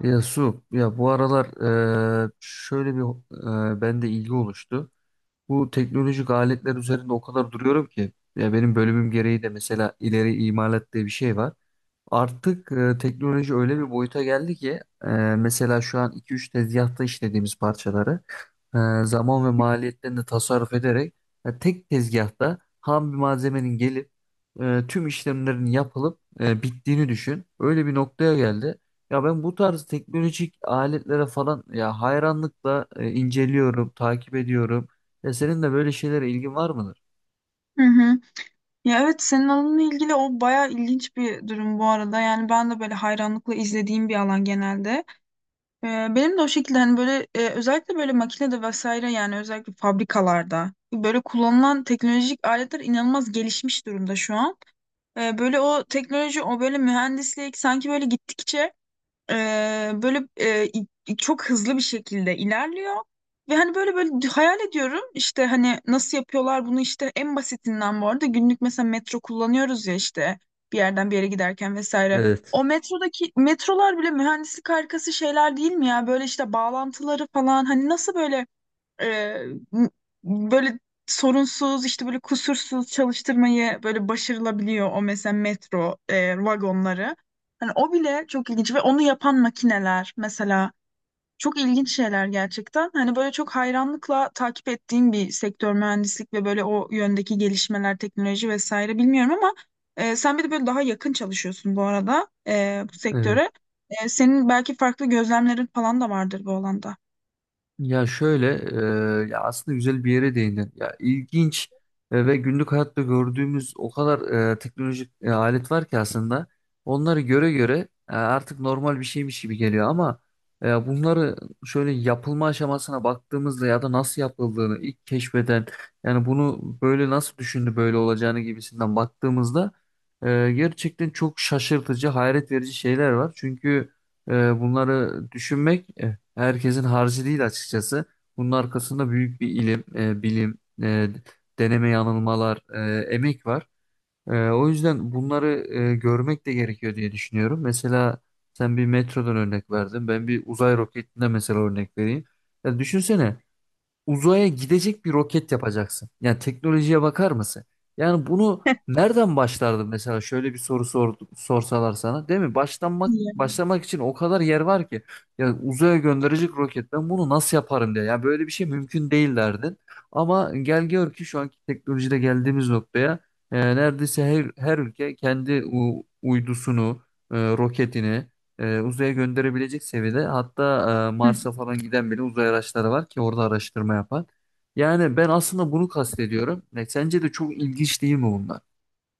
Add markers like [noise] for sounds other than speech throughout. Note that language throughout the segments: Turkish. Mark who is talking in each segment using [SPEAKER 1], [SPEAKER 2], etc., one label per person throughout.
[SPEAKER 1] Ya Su, ya bu aralar şöyle bir bende ilgi oluştu. Bu teknolojik aletler üzerinde o kadar duruyorum ki ya benim bölümüm gereği de mesela ileri imalat diye bir şey var. Artık teknoloji öyle bir boyuta geldi ki mesela şu an iki üç tezgahta işlediğimiz parçaları zaman ve maliyetlerini tasarruf ederek tek tezgahta ham bir malzemenin gelip tüm işlemlerin yapılıp bittiğini düşün. Öyle bir noktaya geldi. Ya ben bu tarz teknolojik aletlere falan ya hayranlıkla inceliyorum, takip ediyorum. Ya senin de böyle şeylere ilgin var mıdır?
[SPEAKER 2] Hı hı. Ya evet, senin alanınla ilgili o bayağı ilginç bir durum bu arada. Yani ben de böyle hayranlıkla izlediğim bir alan genelde. Ee, Benim de o şekilde hani böyle özellikle böyle makinede vesaire, yani özellikle fabrikalarda böyle kullanılan teknolojik aletler inanılmaz gelişmiş durumda şu an. Böyle o teknoloji, o böyle mühendislik sanki böyle gittikçe böyle çok hızlı bir şekilde ilerliyor. Ve hani böyle böyle hayal ediyorum işte hani nasıl yapıyorlar bunu, işte en basitinden, bu arada günlük mesela metro kullanıyoruz ya işte, bir yerden bir yere giderken vesaire.
[SPEAKER 1] Evet.
[SPEAKER 2] O metrodaki metrolar bile mühendislik harikası şeyler değil mi ya? Böyle işte bağlantıları falan, hani nasıl böyle ee, böyle sorunsuz, işte böyle kusursuz çalıştırmayı böyle başarılabiliyor o mesela metro vagonları. Hani o bile çok ilginç ve onu yapan makineler mesela çok ilginç şeyler gerçekten. Hani böyle çok hayranlıkla takip ettiğim bir sektör mühendislik ve böyle o yöndeki gelişmeler, teknoloji vesaire, bilmiyorum ama sen bir de böyle daha yakın çalışıyorsun bu arada bu
[SPEAKER 1] Evet.
[SPEAKER 2] sektöre. E, senin belki farklı gözlemlerin falan da vardır bu alanda.
[SPEAKER 1] Ya şöyle, ya aslında güzel bir yere değindin. Ya ilginç ve günlük hayatta gördüğümüz o kadar teknolojik alet var ki aslında. Onları göre göre artık normal bir şeymiş gibi geliyor ama bunları şöyle yapılma aşamasına baktığımızda ya da nasıl yapıldığını ilk keşfeden yani bunu böyle nasıl düşündü böyle olacağını gibisinden baktığımızda gerçekten çok şaşırtıcı, hayret verici şeyler var. Çünkü bunları düşünmek herkesin harcı değil açıkçası. Bunun arkasında büyük bir ilim, e, deneme yanılmalar, emek var. O yüzden bunları görmek de gerekiyor diye düşünüyorum. Mesela sen bir metrodan örnek verdin. Ben bir uzay roketinden mesela örnek vereyim. Ya düşünsene uzaya gidecek bir roket yapacaksın. Yani teknolojiye bakar mısın? Yani bunu nereden başlardın mesela şöyle bir soru sor, sorsalar sana değil mi? Başlanmak
[SPEAKER 2] İyi.
[SPEAKER 1] başlamak için o kadar yer var ki. Yani uzaya gönderecek roket ben bunu nasıl yaparım diye. Yani böyle bir şey mümkün değil derdin. Ama gel gör ki şu anki teknolojide geldiğimiz noktaya neredeyse her ülke kendi uydusunu, roketini uzaya gönderebilecek seviyede hatta
[SPEAKER 2] Hı.
[SPEAKER 1] Mars'a falan giden bile uzay araçları var ki orada araştırma yapan. Yani ben aslında bunu kastediyorum. E, sence de çok ilginç değil mi bunlar?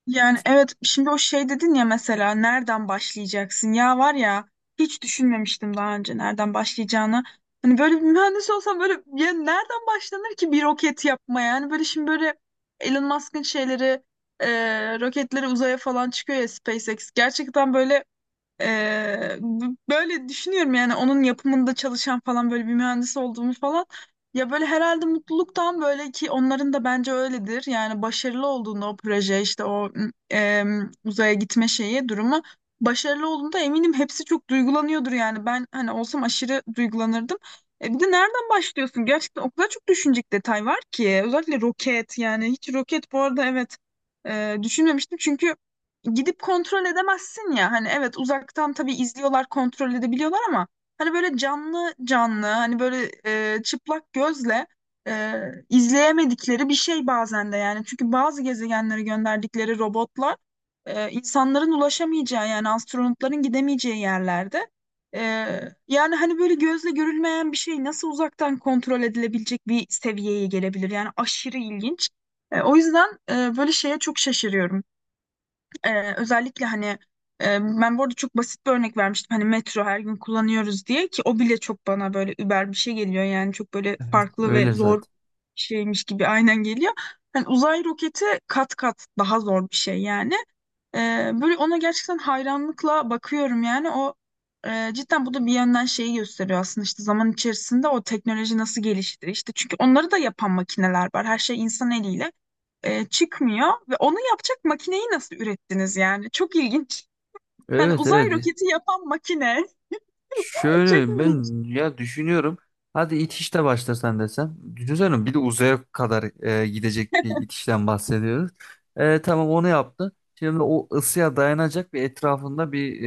[SPEAKER 2] Yani evet, şimdi o şey dedin ya, mesela nereden başlayacaksın, ya var ya, hiç düşünmemiştim daha önce nereden başlayacağını. Hani böyle bir mühendis olsam, böyle ya nereden başlanır ki bir roket yapmaya? Yani böyle şimdi böyle Elon Musk'ın şeyleri, roketleri uzaya falan çıkıyor ya, SpaceX. Gerçekten böyle, böyle düşünüyorum yani onun yapımında çalışan falan, böyle bir mühendis olduğumu falan. Ya böyle herhalde mutluluktan, böyle ki onların da bence öyledir. Yani başarılı olduğunda o proje, işte o uzaya gitme şeyi durumu başarılı olduğunda, eminim hepsi çok duygulanıyordur yani. Ben hani olsam aşırı duygulanırdım. E bir de nereden başlıyorsun? Gerçekten o kadar çok düşünecek detay var ki. Özellikle roket, yani hiç roket bu arada evet düşünmemiştim, çünkü gidip kontrol edemezsin ya. Hani evet, uzaktan tabii izliyorlar, kontrol edebiliyorlar ama hani böyle canlı canlı, hani böyle çıplak gözle e, izleyemedikleri bir şey bazen de yani. Çünkü bazı gezegenlere gönderdikleri robotlar insanların ulaşamayacağı, yani astronotların gidemeyeceği yerlerde. E, Yani hani böyle gözle görülmeyen bir şey nasıl uzaktan kontrol edilebilecek bir seviyeye gelebilir? Yani aşırı ilginç. E, o yüzden böyle şeye çok şaşırıyorum. Özellikle hani ben bu arada çok basit bir örnek vermiştim. Hani metro her gün kullanıyoruz diye, ki o bile çok bana böyle über bir şey geliyor. Yani çok böyle farklı ve
[SPEAKER 1] Öyle
[SPEAKER 2] zor bir
[SPEAKER 1] zaten.
[SPEAKER 2] şeymiş gibi aynen geliyor. Hani uzay roketi kat kat daha zor bir şey yani. Böyle ona gerçekten hayranlıkla bakıyorum yani, o cidden bu da bir yönden şeyi gösteriyor aslında, işte zaman içerisinde o teknoloji nasıl gelişti işte, çünkü onları da yapan makineler var, her şey insan eliyle çıkmıyor ve onu yapacak makineyi nasıl ürettiniz yani? Çok ilginç. Hani
[SPEAKER 1] Evet,
[SPEAKER 2] uzay
[SPEAKER 1] evet.
[SPEAKER 2] roketi yapan makine. [laughs] Çok
[SPEAKER 1] Şöyle
[SPEAKER 2] ilginç.
[SPEAKER 1] ben ya düşünüyorum. Hadi itişle başlasan desem. Düşünsene bir de uzaya kadar gidecek bir itişten bahsediyoruz. E, tamam onu yaptı. Şimdi o ısıya dayanacak bir etrafında bir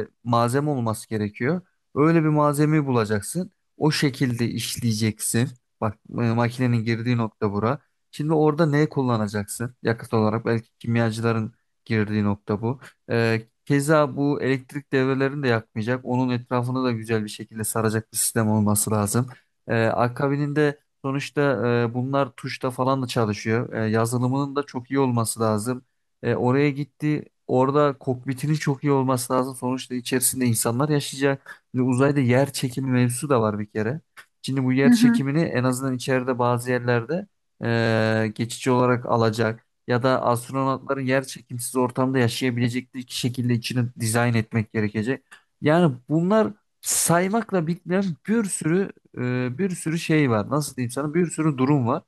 [SPEAKER 1] malzeme olması gerekiyor. Öyle bir malzemeyi bulacaksın. O şekilde işleyeceksin. Bak makinenin girdiği nokta bura. Şimdi orada ne kullanacaksın? Yakıt olarak belki kimyacıların girdiği nokta bu. E, Keza bu elektrik devrelerini de yakmayacak. Onun etrafını da güzel bir şekilde saracak bir sistem olması lazım. Akabininde sonuçta bunlar tuşla falan da çalışıyor. Yazılımının da çok iyi olması lazım. Oraya gitti. Orada kokpitinin çok iyi olması lazım. Sonuçta içerisinde insanlar yaşayacak. Şimdi uzayda yer çekimi mevzusu da var bir kere. Şimdi bu
[SPEAKER 2] Hı
[SPEAKER 1] yer
[SPEAKER 2] hı.
[SPEAKER 1] çekimini en azından içeride bazı yerlerde geçici olarak alacak ya da astronotların yer çekimsiz ortamda yaşayabilecekleri şekilde içini dizayn etmek gerekecek. Yani bunlar saymakla bitmeyen bir sürü şey var. Nasıl diyeyim sana? Bir sürü durum var.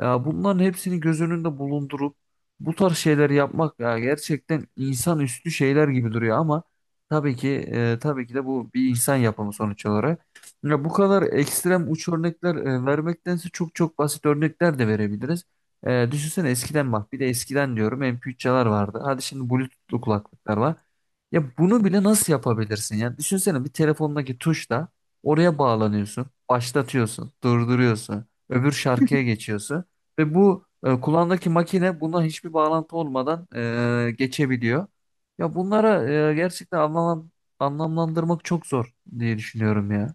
[SPEAKER 1] Ya bunların hepsini göz önünde bulundurup bu tarz şeyler yapmak ya gerçekten insanüstü şeyler gibi duruyor ama tabii ki de bu bir insan yapımı sonuç olarak. Ya bu kadar ekstrem uç örnekler vermektense çok çok basit örnekler de verebiliriz. Düşünsene eskiden bak bir de eskiden diyorum MP3'ler vardı. Hadi şimdi Bluetooth'lu kulaklıklar var. Ya bunu bile nasıl yapabilirsin? Yani düşünsene bir telefondaki tuşla oraya bağlanıyorsun, başlatıyorsun, durduruyorsun, öbür şarkıya geçiyorsun ve bu kulağındaki makine buna hiçbir bağlantı olmadan geçebiliyor. Ya bunlara gerçekten anlamlandırmak çok zor diye düşünüyorum ya.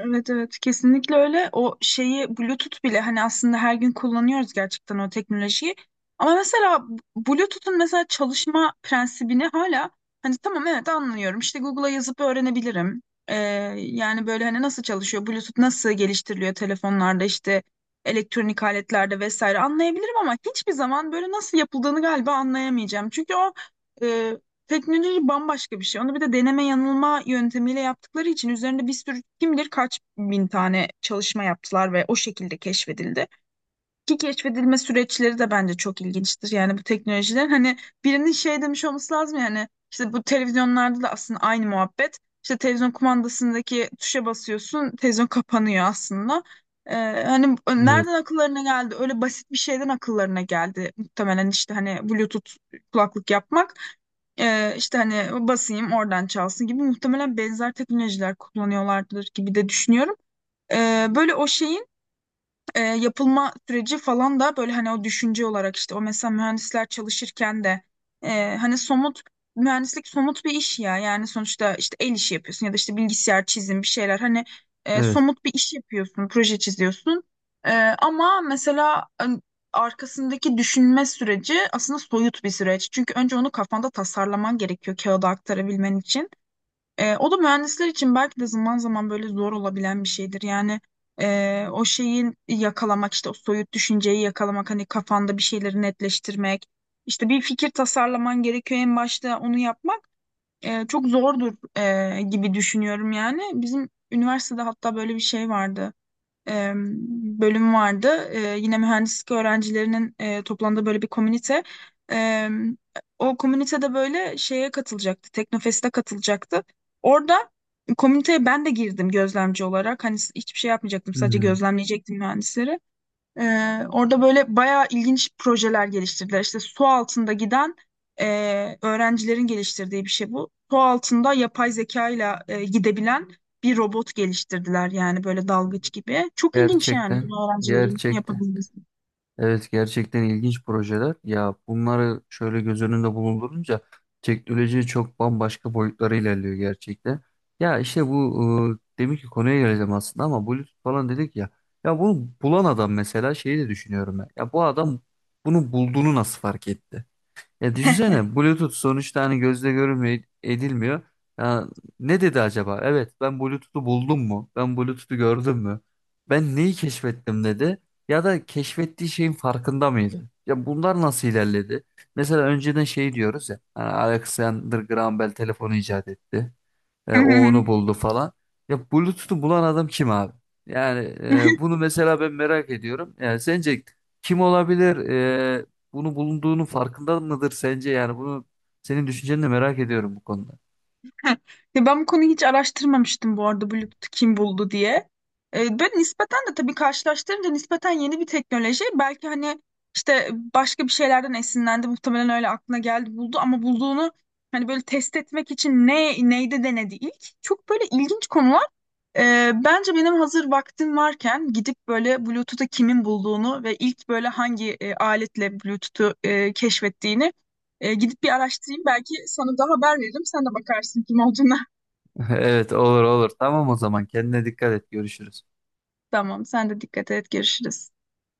[SPEAKER 2] Evet evet, kesinlikle öyle. O şeyi, Bluetooth bile hani, aslında her gün kullanıyoruz gerçekten o teknolojiyi. Ama mesela Bluetooth'un mesela çalışma prensibini hala, hani tamam evet, anlıyorum. İşte Google'a yazıp öğrenebilirim. Ee, Yani böyle hani nasıl çalışıyor, Bluetooth nasıl geliştiriliyor telefonlarda, işte elektronik aletlerde vesaire anlayabilirim ama hiçbir zaman böyle nasıl yapıldığını galiba anlayamayacağım. Çünkü o teknoloji bambaşka bir şey. Onu bir de deneme yanılma yöntemiyle yaptıkları için, üzerinde bir sürü kim bilir kaç bin tane çalışma yaptılar ve o şekilde keşfedildi ki keşfedilme süreçleri de bence çok ilginçtir. Yani bu teknolojiler, hani birinin şey demiş olması lazım yani, işte bu televizyonlarda da aslında aynı muhabbet. İşte televizyon kumandasındaki tuşa basıyorsun, televizyon kapanıyor aslında. Ee, Hani
[SPEAKER 1] Evet,
[SPEAKER 2] nereden akıllarına geldi? Öyle basit bir şeyden akıllarına geldi. Muhtemelen işte hani Bluetooth kulaklık yapmak. İşte hani basayım oradan çalsın gibi, muhtemelen benzer teknolojiler kullanıyorlardır gibi de düşünüyorum. Böyle o şeyin yapılma süreci falan da, böyle hani o düşünce olarak, işte o mesela mühendisler çalışırken de hani somut, mühendislik somut bir iş ya, yani sonuçta işte el işi yapıyorsun ya da işte bilgisayar çizim bir şeyler, hani
[SPEAKER 1] evet.
[SPEAKER 2] somut bir iş yapıyorsun, proje çiziyorsun. E, ama mesela hani arkasındaki düşünme süreci aslında soyut bir süreç, çünkü önce onu kafanda tasarlaman gerekiyor kağıda aktarabilmen için. E, o da mühendisler için belki de zaman zaman böyle zor olabilen bir şeydir. Yani o şeyin yakalamak, işte o soyut düşünceyi yakalamak, hani kafanda bir şeyleri netleştirmek, işte bir fikir tasarlaman gerekiyor en başta, onu yapmak çok zordur gibi düşünüyorum yani. Bizim üniversitede hatta böyle bir şey vardı, e, bölüm vardı. E, yine mühendislik öğrencilerinin toplandığı böyle bir komünite. E, O komünitede böyle şeye katılacaktı. Teknofest'e katılacaktı. Orada komüniteye ben de girdim gözlemci olarak. Hani hiçbir şey yapmayacaktım. Sadece
[SPEAKER 1] Hmm.
[SPEAKER 2] gözlemleyecektim mühendisleri. Orada böyle bayağı ilginç projeler geliştirdiler. İşte su altında giden e, öğrencilerin geliştirdiği bir şey bu. Su altında yapay zeka ile gidebilen bir robot geliştirdiler, yani böyle dalgıç gibi. Çok ilginç yani
[SPEAKER 1] Gerçekten,
[SPEAKER 2] bunu öğrencilerin
[SPEAKER 1] gerçekten.
[SPEAKER 2] yapabilmesi.
[SPEAKER 1] Evet gerçekten ilginç projeler. Ya bunları şöyle göz önünde bulundurunca teknoloji çok bambaşka boyutlara ilerliyor gerçekten. Ya işte bu demin ki konuya geleceğim aslında ama Bluetooth falan dedik ya. Ya bunu bulan adam mesela şeyi de düşünüyorum ben. Ya bu adam bunu bulduğunu nasıl fark etti? Ya düşünsene Bluetooth sonuçta hani gözle görülmüyor edilmiyor. Ya ne dedi acaba? Evet ben Bluetooth'u buldum mu? Ben Bluetooth'u gördüm mü? Ben neyi keşfettim dedi. Ya da keşfettiği şeyin farkında mıydı? Ya bunlar nasıl ilerledi? Mesela önceden şey diyoruz ya. Hani Alexander Graham Bell telefonu icat etti. E, o
[SPEAKER 2] [laughs]
[SPEAKER 1] onu buldu falan. Ya Bluetooth'u bulan adam kim abi? Yani bunu mesela ben merak ediyorum. Yani sence kim olabilir? E, Bunu bulunduğunun farkında mıdır sence? Yani bunu senin düşünceni de merak ediyorum bu konuda.
[SPEAKER 2] [laughs] Heh. Ya ben bu konuyu hiç araştırmamıştım bu arada, Bluetooth kim buldu diye. Böyle nispeten de tabii karşılaştırınca nispeten yeni bir teknoloji. Belki hani işte başka bir şeylerden esinlendi, muhtemelen öyle aklına geldi, buldu ama bulduğunu hani böyle test etmek için ne neyde denedi ilk. Çok böyle ilginç konular. Bence benim hazır vaktim varken gidip böyle Bluetooth'u kimin bulduğunu ve ilk böyle hangi aletle Bluetooth'u keşfettiğini gidip bir araştırayım. Belki sana da haber veririm. Sen de bakarsın kim olduğuna.
[SPEAKER 1] [laughs] Evet olur olur. Tamam o zaman kendine dikkat et. Görüşürüz.
[SPEAKER 2] [laughs] Tamam, sen de dikkat et. Görüşürüz.